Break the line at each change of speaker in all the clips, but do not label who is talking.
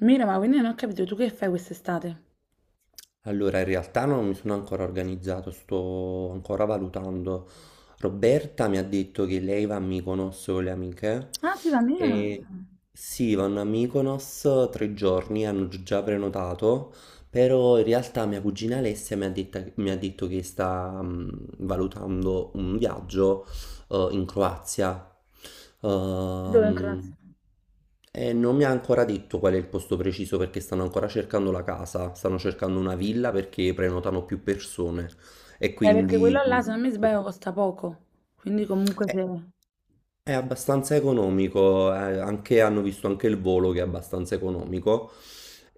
Mira, ma quindi non ho capito, tu che fai quest'estate?
Allora, in realtà non mi sono ancora organizzato, sto ancora valutando. Roberta mi ha detto che lei va a Mykonos con le amiche
Ah, si va a Milano?
e sì, vanno a Mykonos tre giorni, hanno già prenotato, però in realtà mia cugina Alessia mi ha detto che sta valutando un viaggio in Croazia.
Dove in Croazia?
Ehm, e non mi ha ancora detto qual è il posto preciso perché stanno ancora cercando la casa, stanno cercando una villa perché prenotano più persone e
Perché quello
quindi
là,
sì,
se non mi
sì.
sbaglio, costa poco. Quindi comunque se...
È è abbastanza economico, hanno visto anche il volo che è abbastanza economico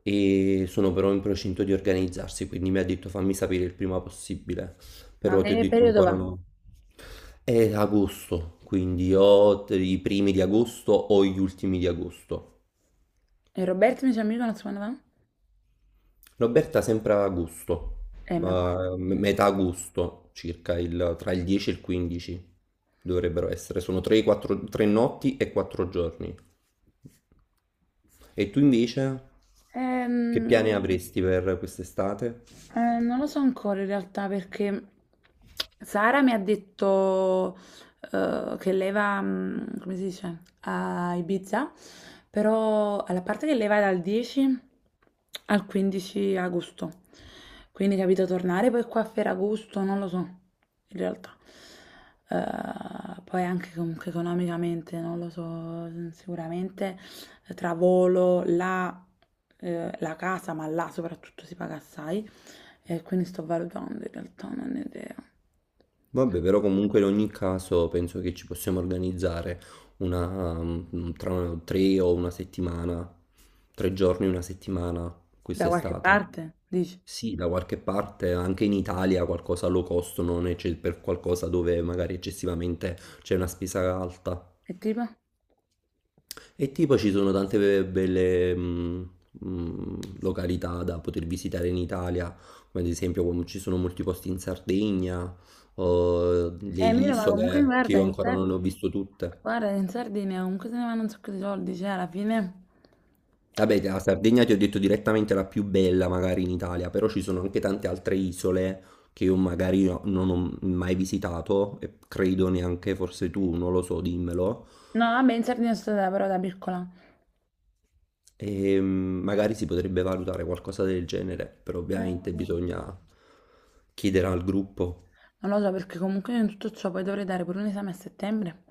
e sono però in procinto di organizzarsi, quindi mi ha detto fammi sapere il prima possibile,
Ma
però
lei
ti ho
che
detto
periodo
ancora
va?
no. È agosto, quindi i primi di agosto o gli ultimi di agosto.
E Roberto, mi dice amico, non si quando va?
Roberta sempre a agosto,
Ma
metà agosto, circa tra il 10 e il 15 dovrebbero essere, sono 3, 4, 3 notti e 4 giorni. E tu invece che
quando?
piani avresti per quest'estate?
Non lo so ancora in realtà perché Sara mi ha detto che lei va, come si dice, a Ibiza, però alla parte che lei va dal 10 al 15 agosto, quindi capito, tornare poi qua a Ferragosto, non lo so, in realtà. Poi anche comunque economicamente, non lo so, sicuramente tra volo, la, la casa, ma là soprattutto si paga assai. E quindi sto valutando in realtà, non ho idea.
Vabbè, però comunque in ogni caso penso che ci possiamo organizzare una, um, tra una- tre o una settimana, tre giorni, una settimana
Da qualche
quest'estate.
parte, dici?
Sì, da qualche parte, anche in Italia qualcosa low cost, non ecce- per qualcosa dove magari eccessivamente c'è una spesa alta.
E tipo?
E tipo ci sono tante belle località da poter visitare in Italia, come ad esempio come ci sono molti posti in Sardegna, o le
Mira, ma comunque
isole che io ancora non ho visto tutte.
Guarda, in Sardegna comunque se ne vanno un sacco di soldi, cioè alla fine...
Vabbè, la Sardegna ti ho detto direttamente è la più bella magari in Italia, però ci sono anche tante altre isole che io magari non ho mai visitato e credo neanche forse tu, non lo so, dimmelo.
No, vabbè, in Sardegna sono stata però da piccola.
E magari si potrebbe valutare qualcosa del genere, però ovviamente
Eh.
bisogna chiedere al gruppo,
Non lo so perché comunque io in tutto ciò poi dovrei dare pure un esame a settembre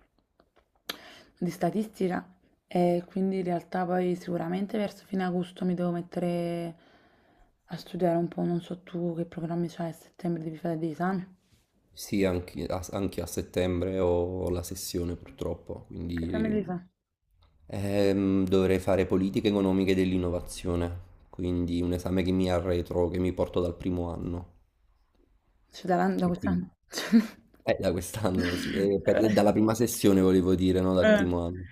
di statistica e quindi in realtà poi sicuramente verso fine agosto mi devo mettere a studiare un po', non so tu che programmi c'hai a settembre, devi fare degli esami.
sì, anche anche a settembre ho la sessione purtroppo,
Che
quindi
esami devi fare?
dovrei fare politiche economiche dell'innovazione, quindi un esame che mi arretro, che mi porto dal primo anno.
C'è da, da
E quindi-
quest'anno?
da quest'anno, sì, dalla prima sessione volevo dire, no? Dal
Eh.
primo anno.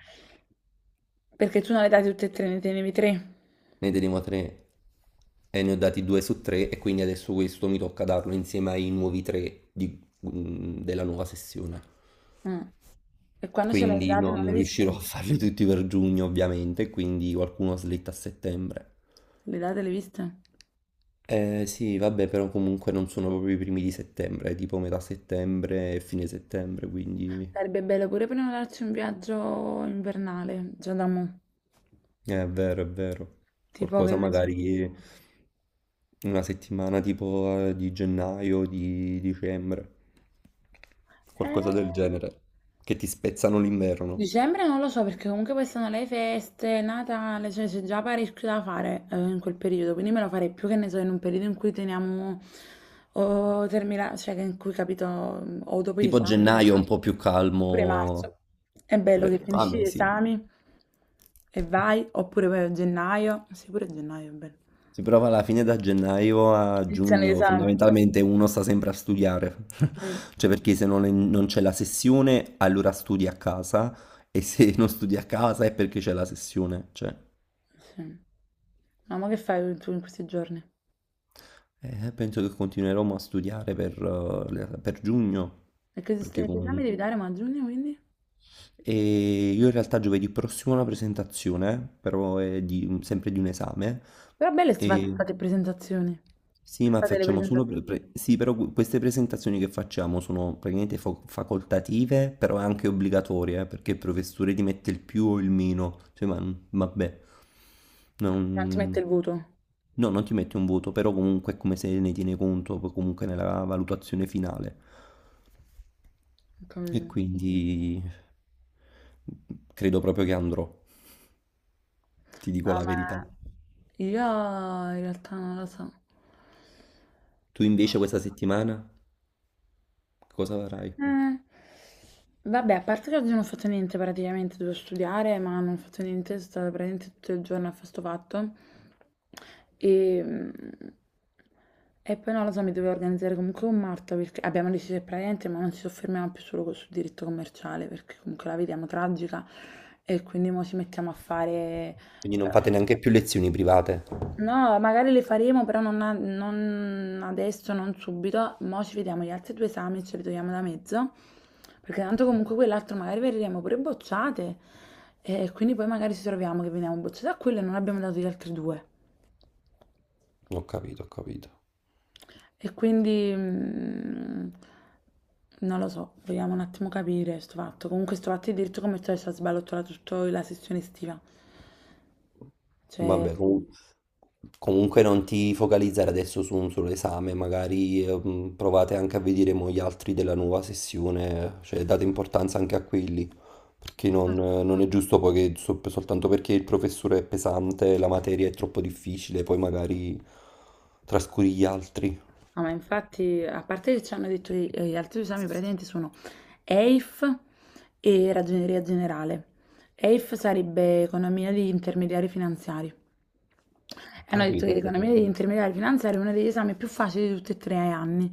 Perché tu non le hai date tutte e tre, ne tenevi tre.
Ne teniamo tre e ne ho dati due su tre e quindi adesso questo mi tocca darlo insieme ai nuovi tre della nuova sessione.
Mm. E quando ce le hai
Quindi
date
no,
non le
non
hai viste?
riuscirò a farli tutti per giugno ovviamente, quindi qualcuno slitta a settembre.
Le date le hai viste?
Eh sì, vabbè, però comunque non sono proprio i primi di settembre, è tipo metà settembre e fine settembre, quindi
Sarebbe bello pure prepararci un viaggio invernale, già da mo.
È vero, è vero.
Tipo che
Qualcosa
ne so.
magari una settimana tipo di gennaio, di dicembre,
Eh,
qualcosa del genere, che ti spezzano l'inverno.
dicembre non lo so perché comunque poi sono le feste, Natale, cioè c'è già parecchio da fare in quel periodo, quindi me lo farei più che ne so in un periodo in cui teniamo o termina, cioè che in cui capito o dopo gli
Tipo
esami,
gennaio è un po' più
pure
calmo,
marzo. È bello che
pure,
finisci gli
vabbè sì,
esami e vai, oppure poi a gennaio, sì pure a gennaio è bello.
si prova alla fine da gennaio a
Iniziano gli
giugno,
esami.
fondamentalmente uno sta sempre a studiare,
Mm,
cioè perché se non, è- non c'è la sessione allora studi a casa e se non studi a casa è perché c'è la sessione, cioè
sì. No, ma che fai tu in questi giorni?
Penso che continuerò a studiare per, per giugno,
E
perché
che esami
comunque
devi dare, ma a giugno quindi?
E io in realtà giovedì prossimo ho una presentazione, però sempre di un esame,
Però belle ste fate,
e
fate presentazioni.
sì,
Che
ma
fate le
facciamo solo
presentazioni?
sì, però queste presentazioni che facciamo sono praticamente facoltative, però anche obbligatorie, perché il professore ti mette il più o il meno, cioè, ma, vabbè,
Non ti mette il
non
voto. Ho
no, non ti mette un voto, però comunque è come se ne tiene conto, poi comunque nella valutazione finale. E
capito.
quindi credo proprio che andrò, ti dico
No,
la verità.
ma io in realtà non lo so.
Tu invece questa settimana cosa farai?
Eh. Vabbè, a parte che oggi non ho fatto niente praticamente, dovevo studiare, ma non ho fatto niente, sono stata praticamente tutto il giorno a fare sto fatto. E, e poi non lo so, mi dovevo organizzare comunque con Marta perché abbiamo deciso che praticamente ma non ci soffermiamo più solo sul diritto commerciale perché comunque la vediamo tragica e quindi mo ci mettiamo a fare.
Quindi non fate neanche più lezioni private.
No, magari le faremo, però non, non adesso, non subito. Mo' ci vediamo gli altri due esami e ce li togliamo da mezzo. Perché tanto comunque quell'altro magari verremo pure bocciate. E quindi poi magari ci troviamo che veniamo bocciate a quello e non abbiamo dato gli altri due.
Ho capito, ho capito.
E quindi... non lo so, vediamo un attimo capire sto fatto. Comunque sto fatto di diritto commerciale ci ha sballottola tutta la sessione estiva. Cioè,
Vabbè,
mm.
comu- comunque non ti focalizzare adesso su un solo esame, magari provate anche a vedere mo gli altri della nuova sessione, cioè date importanza anche a quelli, perché non è giusto poi che soltanto perché il professore è pesante, la materia è troppo difficile, poi magari trascuri gli altri.
No, ma infatti, a parte che ci hanno detto gli altri due esami praticamente sono EIF e Ragioneria Generale. EIF sarebbe Economia degli Intermediari Finanziari. E
Ho
hanno detto che
capito, ho
l'Economia
capito.
degli Intermediari Finanziari è uno degli esami più facili di tutti e tre gli anni,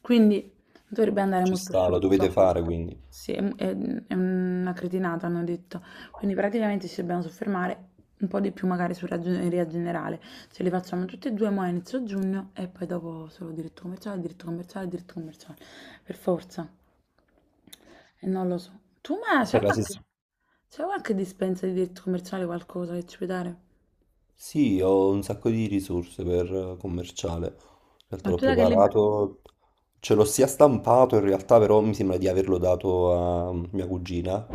quindi dovrebbe andare
Ci
molto
sta, lo dovete
sotto.
fare quindi.
Sì, è una cretinata, hanno detto. Quindi praticamente ci dobbiamo soffermare un po' di più magari su ragioneria generale. Ce li facciamo tutti e due, mo' a inizio giugno e poi dopo solo diritto commerciale, diritto commerciale, diritto commerciale. Per forza. E non lo so. Tu ma
Per la sessione.
c'è qualche dispensa di diritto commerciale, qualcosa che ci puoi dare?
Sì, ho un sacco di risorse per commerciale. In realtà
Ma
l'ho
tu da che libro?
preparato, ce l'ho sia stampato in realtà, però mi sembra di averlo dato a mia cugina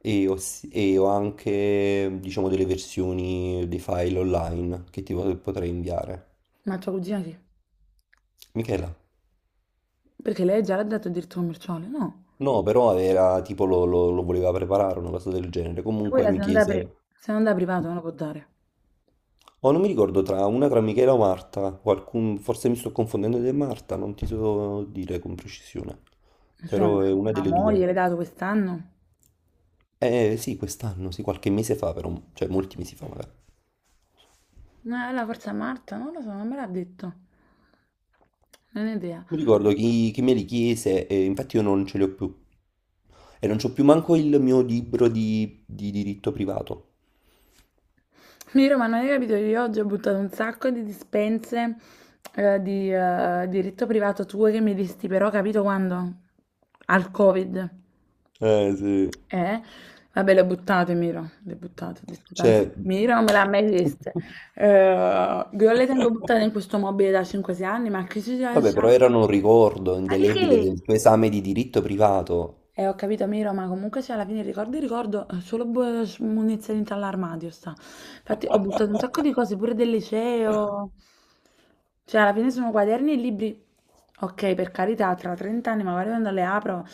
e e ho anche, diciamo, delle versioni dei file online che potrei inviare.
Ma tua cugina sì.
Michela?
Perché lei già l'ha dato il diritto commerciale, no?
No, però era tipo lo voleva preparare, una cosa del genere. Comunque
Quella
mi
se non da,
chiese.
se non da privato non lo può dare.
O non mi ricordo tra una tra Michela o Marta, forse mi sto confondendo di Marta, non ti so dire con precisione,
Scusa,
però è una
ma
delle due.
moglie l'hai dato quest'anno?
Eh sì, quest'anno, sì, qualche mese fa però, cioè molti mesi fa magari.
La forza Marta, non lo so, non me l'ha detto. Non ho idea.
Mi ricordo chi me li chiese e infatti io non ce li ho più. E non c'ho più manco il mio libro di diritto privato.
Miro, ma non hai capito, io oggi ho buttato un sacco di dispense di diritto privato tue che mi disti, però capito quando? Al Covid.
Eh sì,
Eh? Vabbè, le ho buttate, Miro. Le ho buttate, ho detto tanto.
cioè
Miro non me l'ha mai chieste. Io le tengo buttate in questo mobile da 5-6 anni, ma che ci
Vabbè, però
lascia?
erano un ricordo
Ma di
indelebile
che?
del tuo esame di diritto privato.
Ho capito, Miro, ma comunque se alla fine ricordo il ricordo, è solo munizioni dentro all'armadio sta. Infatti ho buttato un sacco di cose, pure del liceo. Cioè, alla fine sono quaderni e libri. Ok, per carità, tra 30 anni magari quando le apro,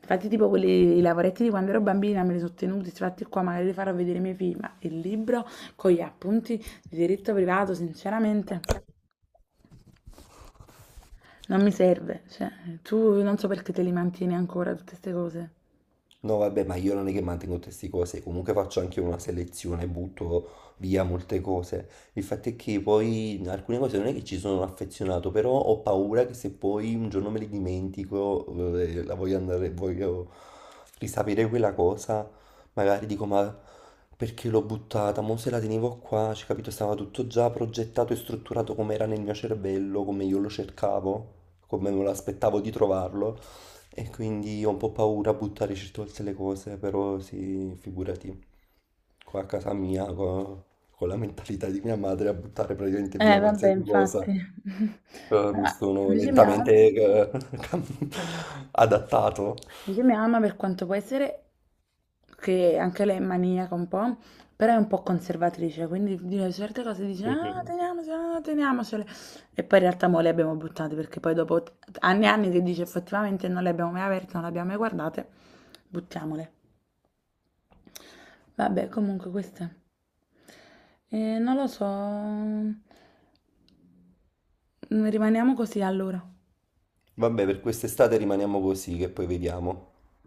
infatti tipo quelli, i lavoretti di quando ero bambina me li sono tenuti, infatti qua magari li farò vedere ai miei figli, ma il libro con gli appunti di diritto privato, sinceramente, non mi serve. Cioè, tu non so perché te li mantieni ancora tutte queste cose.
No, vabbè, ma io non è che mantengo tutte queste cose, comunque faccio anche una selezione, butto via molte cose. Il fatto è che poi alcune cose non è che ci sono affezionato, però ho paura che se poi un giorno me le dimentico, la voglio andare, voglio risapere quella cosa, magari dico ma perché l'ho buttata, mo se la tenevo qua, cioè, capito, stava tutto già progettato e strutturato come era nel mio cervello, come io lo cercavo, come me lo aspettavo di trovarlo. E quindi ho un po' paura a buttare certe volte le cose, però sì, figurati, qua a casa mia, con la mentalità di mia madre, a buttare praticamente
Eh
via
vabbè,
qualsiasi cosa,
infatti.
mi
Ah,
sono
Invece mia,
lentamente adattato.
invece mia mamma, per quanto può essere, che anche lei è maniaca un po', però è un po' conservatrice, quindi dire certe cose dice, ah,
Ok.
teniamocele, ah, teniamocele. E poi in realtà mo le abbiamo buttate, perché poi dopo anni e anni che dice effettivamente non le abbiamo mai aperte, non le abbiamo mai guardate, buttiamole. Vabbè, comunque queste. Non lo so. Mm, rimaniamo così allora.
Vabbè, per quest'estate rimaniamo così, che poi vediamo.